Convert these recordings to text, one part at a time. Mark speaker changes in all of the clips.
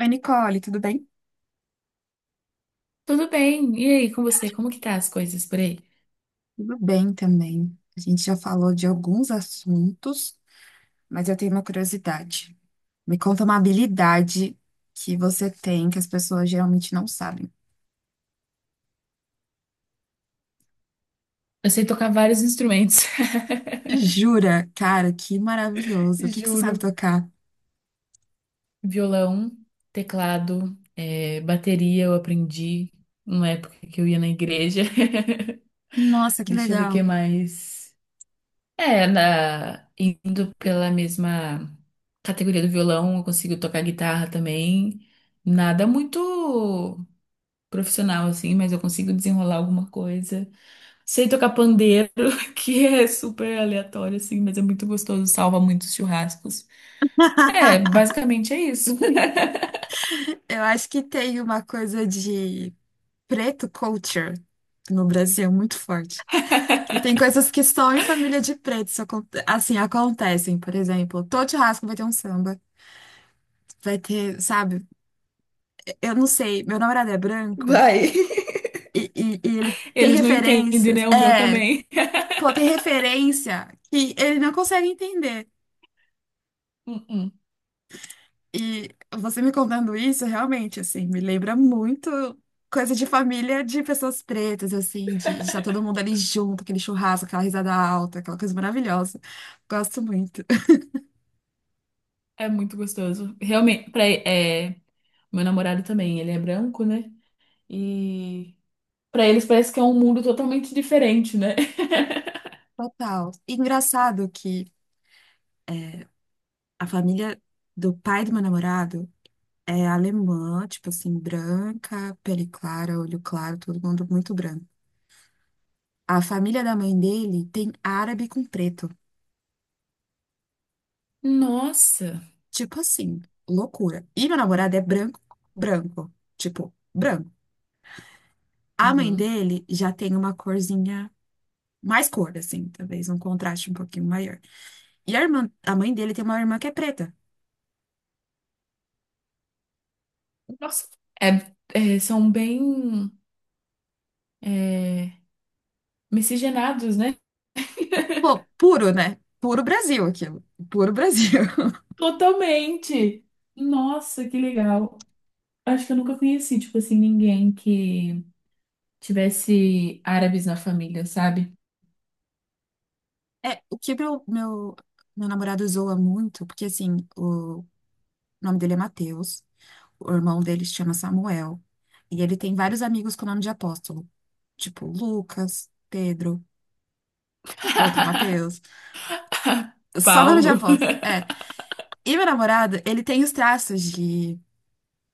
Speaker 1: Oi, Nicole, tudo bem?
Speaker 2: Tudo bem. E aí, com você? Como que tá as coisas por aí?
Speaker 1: Tudo bem também. A gente já falou de alguns assuntos, mas eu tenho uma curiosidade. Me conta uma habilidade que você tem que as pessoas geralmente não sabem.
Speaker 2: Eu sei tocar vários instrumentos.
Speaker 1: Jura? Cara, que maravilhoso. O que que você sabe
Speaker 2: Juro.
Speaker 1: tocar?
Speaker 2: Violão, teclado, é, bateria eu aprendi numa época que eu ia na igreja.
Speaker 1: Nossa, que
Speaker 2: Deixa eu ver o
Speaker 1: legal.
Speaker 2: que mais. É, indo pela mesma categoria do violão, eu consigo tocar guitarra também. Nada muito profissional assim, mas eu consigo desenrolar alguma coisa. Sei tocar pandeiro, que é super aleatório, assim, mas é muito gostoso, salva muitos churrascos. É, basicamente é isso.
Speaker 1: Eu acho que tem uma coisa de preto culture no Brasil muito forte. E tem coisas que só em família de preto isso assim acontecem. Por exemplo, todo churrasco vai ter um samba. Vai ter, sabe? Eu não sei, meu namorado é branco
Speaker 2: Vai.
Speaker 1: e ele tem
Speaker 2: Eles não entendem,
Speaker 1: referências.
Speaker 2: né? O meu
Speaker 1: É,
Speaker 2: também.
Speaker 1: pô, tem referência que ele não consegue entender.
Speaker 2: Uh-uh.
Speaker 1: E você me contando isso, realmente, assim, me lembra muito coisa de família de pessoas pretas, assim, de estar todo mundo ali junto, aquele churrasco, aquela risada alta, aquela coisa maravilhosa. Gosto muito.
Speaker 2: É muito gostoso. Realmente, pra, é, meu namorado também, ele é branco, né? E pra eles parece que é um mundo totalmente diferente, né?
Speaker 1: Total. Engraçado que a família do pai do meu namorado. É alemã, tipo assim, branca, pele clara, olho claro, todo mundo muito branco. A família da mãe dele tem árabe com preto.
Speaker 2: Nossa!
Speaker 1: Tipo assim, loucura. E meu namorado é branco, branco. Tipo, branco. A mãe
Speaker 2: Uhum.
Speaker 1: dele já tem uma corzinha, mais cor, assim, talvez um contraste um pouquinho maior. E a irmã, a mãe dele tem uma irmã que é preta.
Speaker 2: Nossa! É- é, são bem é, miscigenados, né?
Speaker 1: Pô, puro, né? Puro Brasil aquilo. Puro Brasil.
Speaker 2: Totalmente. Nossa, que legal. Acho que eu nunca conheci, tipo assim, ninguém que tivesse árabes na família, sabe?
Speaker 1: É, o que meu namorado zoa muito, porque assim. O nome dele é Mateus. O irmão dele se chama Samuel. E ele tem vários amigos com nome de apóstolo. Tipo Lucas, Pedro, outro Mateus. Só nome de
Speaker 2: Paulo.
Speaker 1: apóstolo. É. E meu namorado, ele tem os traços de,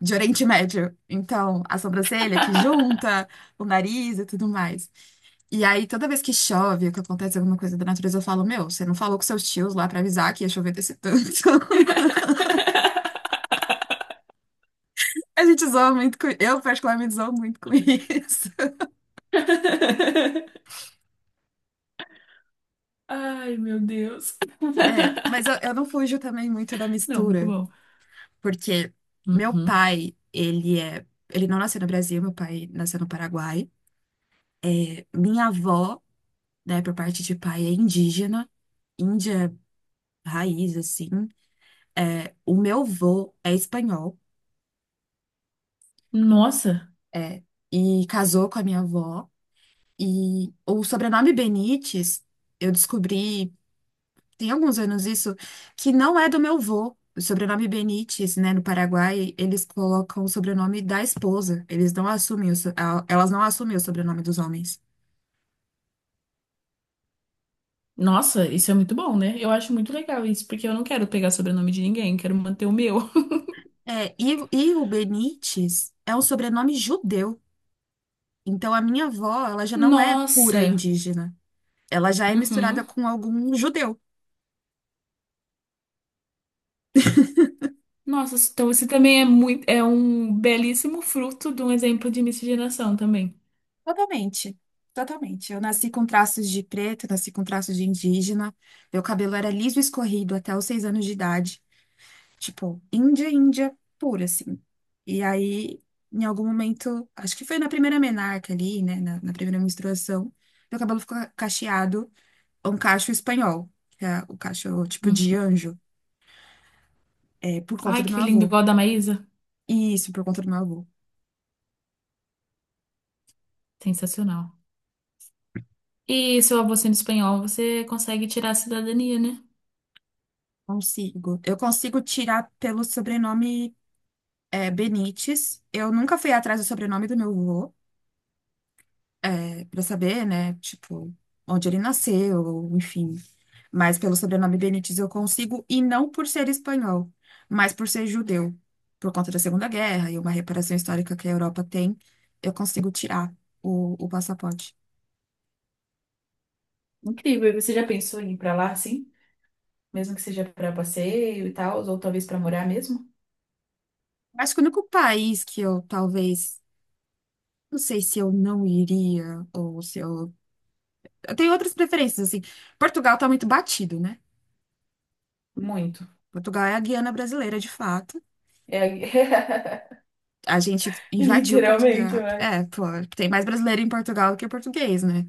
Speaker 1: de Oriente Médio. Então, a sobrancelha que junta, o nariz e tudo mais. E aí, toda vez que chove, ou que acontece alguma coisa da natureza, eu falo, meu, você não falou com seus tios lá pra avisar que ia chover desse tanto. A gente zoa muito com. Eu, particularmente, zoo muito com isso.
Speaker 2: Ai, meu Deus.
Speaker 1: É, mas eu não fujo também muito da
Speaker 2: Não, muito
Speaker 1: mistura,
Speaker 2: bom.
Speaker 1: porque meu
Speaker 2: Uhum.
Speaker 1: pai, ele não nasceu no Brasil, meu pai nasceu no Paraguai. Minha avó, né, por parte de pai, é indígena, índia raiz, assim. É, o meu avô é espanhol,
Speaker 2: Nossa,
Speaker 1: é, e casou com a minha avó. E o sobrenome Benites, eu descobri tem alguns anos isso, que não é do meu vô. O sobrenome Benites, né, no Paraguai, eles colocam o sobrenome da esposa. Eles não assumem o so- a- Elas não assumem o sobrenome dos homens.
Speaker 2: nossa, isso é muito bom, né? Eu acho muito legal isso, porque eu não quero pegar sobrenome de ninguém, quero manter o meu.
Speaker 1: É, e o Benites é um sobrenome judeu. Então a minha avó, ela já não é pura
Speaker 2: Nossa.
Speaker 1: indígena. Ela já é misturada
Speaker 2: Uhum.
Speaker 1: com algum judeu.
Speaker 2: Nossa, então você também é muito, é um belíssimo fruto de um exemplo de miscigenação também.
Speaker 1: Totalmente. Totalmente. Eu nasci com traços de preto, nasci com traços de indígena. Meu cabelo era liso e escorrido até os 6 anos de idade. Tipo, Índia, Índia pura, assim. E aí, em algum momento, acho que foi na primeira menarca ali, né? Na primeira menstruação, meu cabelo ficou cacheado, um cacho espanhol, que é o cacho tipo de
Speaker 2: Uhum.
Speaker 1: anjo, por conta
Speaker 2: Ai,
Speaker 1: do meu
Speaker 2: que lindo,
Speaker 1: avô.
Speaker 2: igual a da Maísa.
Speaker 1: Isso, por conta do meu avô.
Speaker 2: Sensacional. E seu avô sendo espanhol, você consegue tirar a cidadania, né?
Speaker 1: Consigo. Eu consigo tirar pelo sobrenome, Benites. Eu nunca fui atrás do sobrenome do meu avô, pra saber, né? Tipo, onde ele nasceu, enfim. Mas pelo sobrenome Benítez eu consigo, e não por ser espanhol, mas por ser judeu. Por conta da Segunda Guerra e uma reparação histórica que a Europa tem, eu consigo tirar o passaporte.
Speaker 2: Incrível. E você já pensou em ir pra lá, assim? Mesmo que seja pra passeio e tal, ou talvez pra morar mesmo?
Speaker 1: Acho que o único país que eu talvez. Não sei se eu não iria, ou se eu. Eu tenho outras preferências, assim. Portugal tá muito batido, né?
Speaker 2: Muito.
Speaker 1: Portugal é a Guiana brasileira, de fato.
Speaker 2: É...
Speaker 1: A gente invadiu
Speaker 2: Literalmente,
Speaker 1: Portugal.
Speaker 2: ué.
Speaker 1: É, pô, tem mais brasileiro em Portugal do que português, né?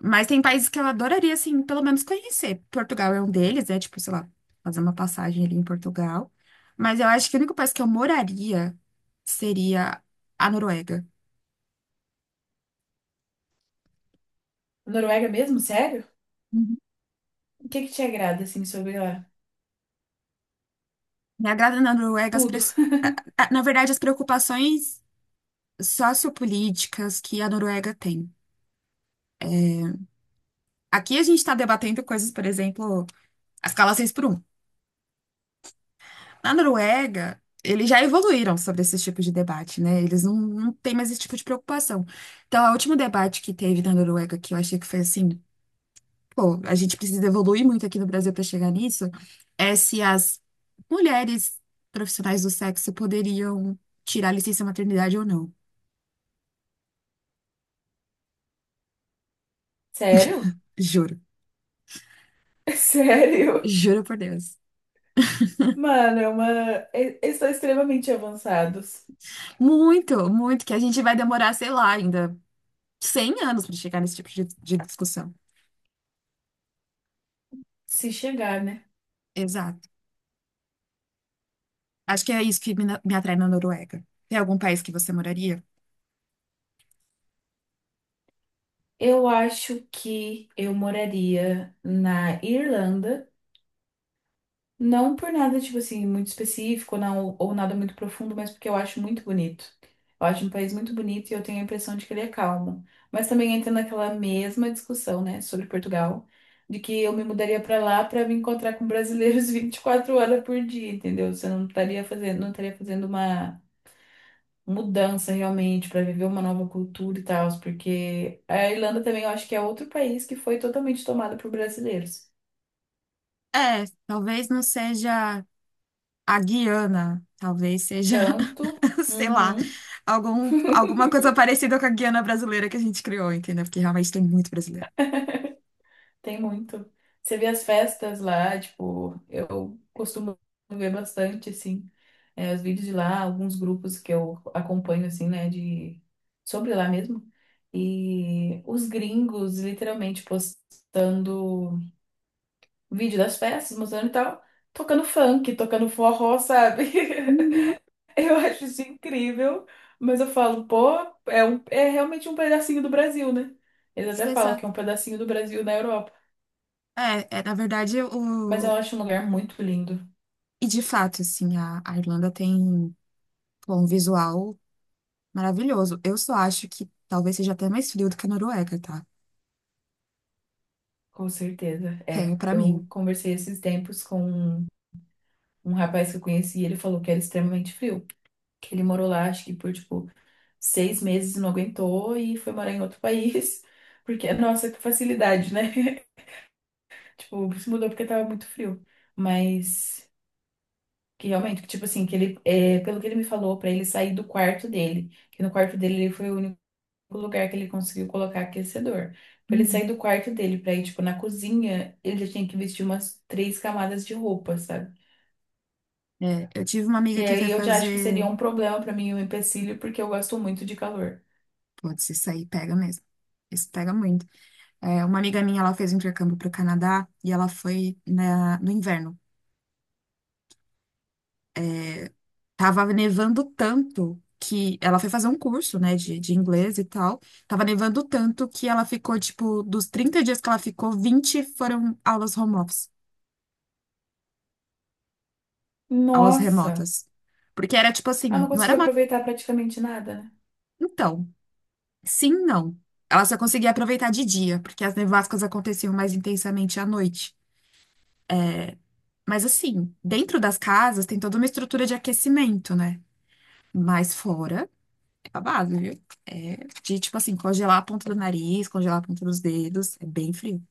Speaker 1: Mas tem países que eu adoraria, assim, pelo menos conhecer. Portugal é um deles, é tipo, sei lá, fazer uma passagem ali em Portugal. Mas eu acho que o único país que eu moraria seria a Noruega.
Speaker 2: Noruega mesmo? Sério?
Speaker 1: Uhum.
Speaker 2: O que que te agrada, assim, sobre lá?
Speaker 1: Me agrada na Noruega as
Speaker 2: Tudo.
Speaker 1: pres- a- na verdade, as preocupações sociopolíticas que a Noruega tem. Aqui a gente está debatendo coisas, por exemplo, as escala seis por um. Na Noruega, eles já evoluíram sobre esse tipo de debate, né? Eles não têm mais esse tipo de preocupação. Então, o último debate que teve na Noruega, que eu achei que foi assim, pô, a gente precisa evoluir muito aqui no Brasil para chegar nisso, é se as mulheres profissionais do sexo poderiam tirar licença maternidade ou não.
Speaker 2: Sério?
Speaker 1: Juro.
Speaker 2: Sério?
Speaker 1: Juro por Deus.
Speaker 2: Mano, é uma... eles são extremamente avançados.
Speaker 1: Muito, muito, que a gente vai demorar, sei lá, ainda. 100 anos para chegar nesse tipo de discussão.
Speaker 2: Se chegar, né?
Speaker 1: Exato. Acho que é isso que me atrai na Noruega. Tem algum país que você moraria?
Speaker 2: Eu acho que eu moraria na Irlanda, não por nada, tipo assim, muito específico, não, ou nada muito profundo, mas porque eu acho muito bonito. Eu acho um país muito bonito e eu tenho a impressão de que ele é calmo. Mas também entra naquela mesma discussão, né, sobre Portugal, de que eu me mudaria pra lá pra me encontrar com brasileiros 24 horas por dia, entendeu? Você não estaria fazendo uma mudança realmente para viver uma nova cultura e tal, porque a Irlanda também eu acho que é outro país que foi totalmente tomado por brasileiros.
Speaker 1: É, talvez não seja a Guiana, talvez seja,
Speaker 2: Tanto,
Speaker 1: sei lá,
Speaker 2: uhum,
Speaker 1: alguma coisa parecida com a Guiana brasileira que a gente criou, entendeu? Porque realmente tem muito brasileiro.
Speaker 2: tem muito. Você vê as festas lá, tipo, eu costumo ver bastante assim, é, os vídeos de lá, alguns grupos que eu acompanho assim, né, de sobre lá mesmo. E os gringos literalmente postando vídeo das festas, mostrando e tal, tocando funk, tocando forró, sabe?
Speaker 1: Uhum,
Speaker 2: Eu acho isso incrível, mas eu falo, pô, é, é realmente um pedacinho do Brasil, né? Eles até falam
Speaker 1: exato.
Speaker 2: que é um pedacinho do Brasil na Europa.
Speaker 1: É, na verdade,
Speaker 2: Mas eu
Speaker 1: o.
Speaker 2: acho um lugar muito lindo,
Speaker 1: E de fato, assim, a Irlanda tem pô, um visual maravilhoso. Eu só acho que talvez seja até mais frio do que a Noruega, tá?
Speaker 2: com certeza.
Speaker 1: Tenho
Speaker 2: É,
Speaker 1: pra
Speaker 2: eu
Speaker 1: mim.
Speaker 2: conversei esses tempos com um rapaz que eu conheci e ele falou que era extremamente frio. Que ele morou lá, acho que por, tipo, 6 meses e não aguentou e foi morar em outro país. Porque, nossa, que facilidade, né? Tipo, se mudou porque tava muito frio. Mas. Que realmente, que, tipo assim, que ele, é, pelo que ele me falou, pra ele sair do quarto dele, que no quarto dele ele foi o único lugar que ele conseguiu colocar aquecedor. Pra ele
Speaker 1: Uhum.
Speaker 2: sair do quarto dele pra ir, tipo, na cozinha, ele já tinha que vestir umas três camadas de roupa, sabe?
Speaker 1: É, eu tive uma amiga
Speaker 2: E
Speaker 1: que foi
Speaker 2: aí eu já acho que seria
Speaker 1: fazer.
Speaker 2: um problema pra mim, um empecilho, porque eu gosto muito de calor.
Speaker 1: Putz, isso aí pega mesmo. Isso pega muito. É, uma amiga minha, ela fez um intercâmbio para o Canadá e ela foi no inverno. É, tava nevando tanto que ela foi fazer um curso, né, de inglês e tal. Tava nevando tanto que ela ficou, tipo, dos 30 dias que ela ficou, 20 foram aulas home office, aulas
Speaker 2: Nossa!
Speaker 1: remotas. Porque era tipo
Speaker 2: Ela
Speaker 1: assim,
Speaker 2: não
Speaker 1: não era
Speaker 2: conseguiu
Speaker 1: uma.
Speaker 2: aproveitar praticamente nada, né?
Speaker 1: Então. Sim, não. Ela só conseguia aproveitar de dia, porque as nevascas aconteciam mais intensamente à noite. Mas assim, dentro das casas tem toda uma estrutura de aquecimento, né? Mas fora, é babado, viu? É de, tipo assim, congelar a ponta do nariz, congelar a ponta dos dedos. É bem frio.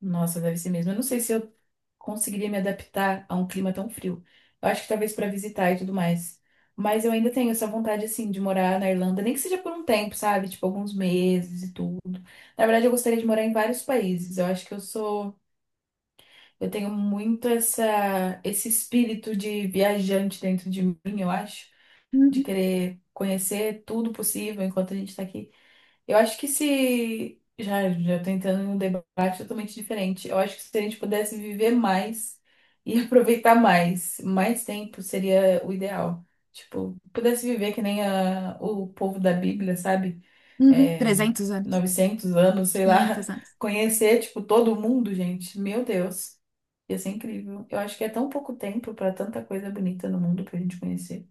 Speaker 2: Nossa, deve ser mesmo. Eu não sei se eu conseguiria me adaptar a um clima tão frio. Eu acho que talvez para visitar e tudo mais. Mas eu ainda tenho essa vontade, assim, de morar na Irlanda, nem que seja por um tempo, sabe? Tipo, alguns meses e tudo. Na verdade, eu gostaria de morar em vários países. Eu acho que eu sou. Eu tenho muito essa... esse espírito de viajante dentro de mim, eu acho. De
Speaker 1: Uhum,
Speaker 2: querer conhecer tudo possível enquanto a gente tá aqui. Eu acho que se. Já tô entrando em um debate totalmente diferente. Eu acho que se a gente pudesse viver mais e aproveitar mais tempo seria o ideal. Tipo, pudesse viver que nem o povo da Bíblia, sabe?
Speaker 1: uhum.
Speaker 2: É,
Speaker 1: 300 anos,
Speaker 2: 900 anos, sei lá.
Speaker 1: 500 anos.
Speaker 2: Conhecer, tipo, todo mundo, gente. Meu Deus, ia ser incrível. Eu acho que é tão pouco tempo para tanta coisa bonita no mundo pra gente conhecer.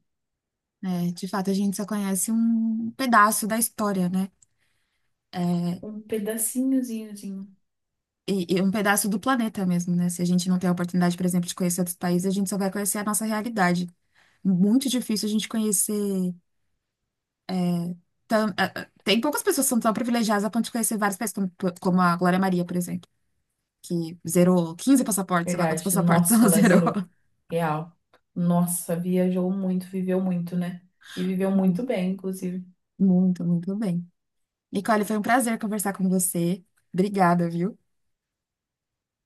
Speaker 1: É, de fato, a gente só conhece um pedaço da história, né?
Speaker 2: Um pedacinhozinhozinho.
Speaker 1: E um pedaço do planeta mesmo, né? Se a gente não tem a oportunidade, por exemplo, de conhecer outros países, a gente só vai conhecer a nossa realidade. Muito difícil a gente conhecer. Tão, tem poucas pessoas que são tão privilegiadas a ponto de conhecer vários países, como a Glória Maria, por exemplo, que zerou 15 passaportes, sei lá quantos
Speaker 2: Verdade.
Speaker 1: passaportes
Speaker 2: Nossa,
Speaker 1: ela
Speaker 2: ela
Speaker 1: zerou.
Speaker 2: zerou. Real. Nossa, viajou muito, viveu muito, né? E viveu muito
Speaker 1: Hum.
Speaker 2: bem, inclusive.
Speaker 1: Muito, muito bem. Nicole, foi um prazer conversar com você. Obrigada, viu?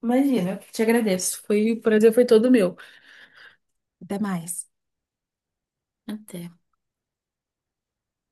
Speaker 2: Imagina, eu te agradeço. Foi, o prazer foi todo meu.
Speaker 1: Até mais.
Speaker 2: Até.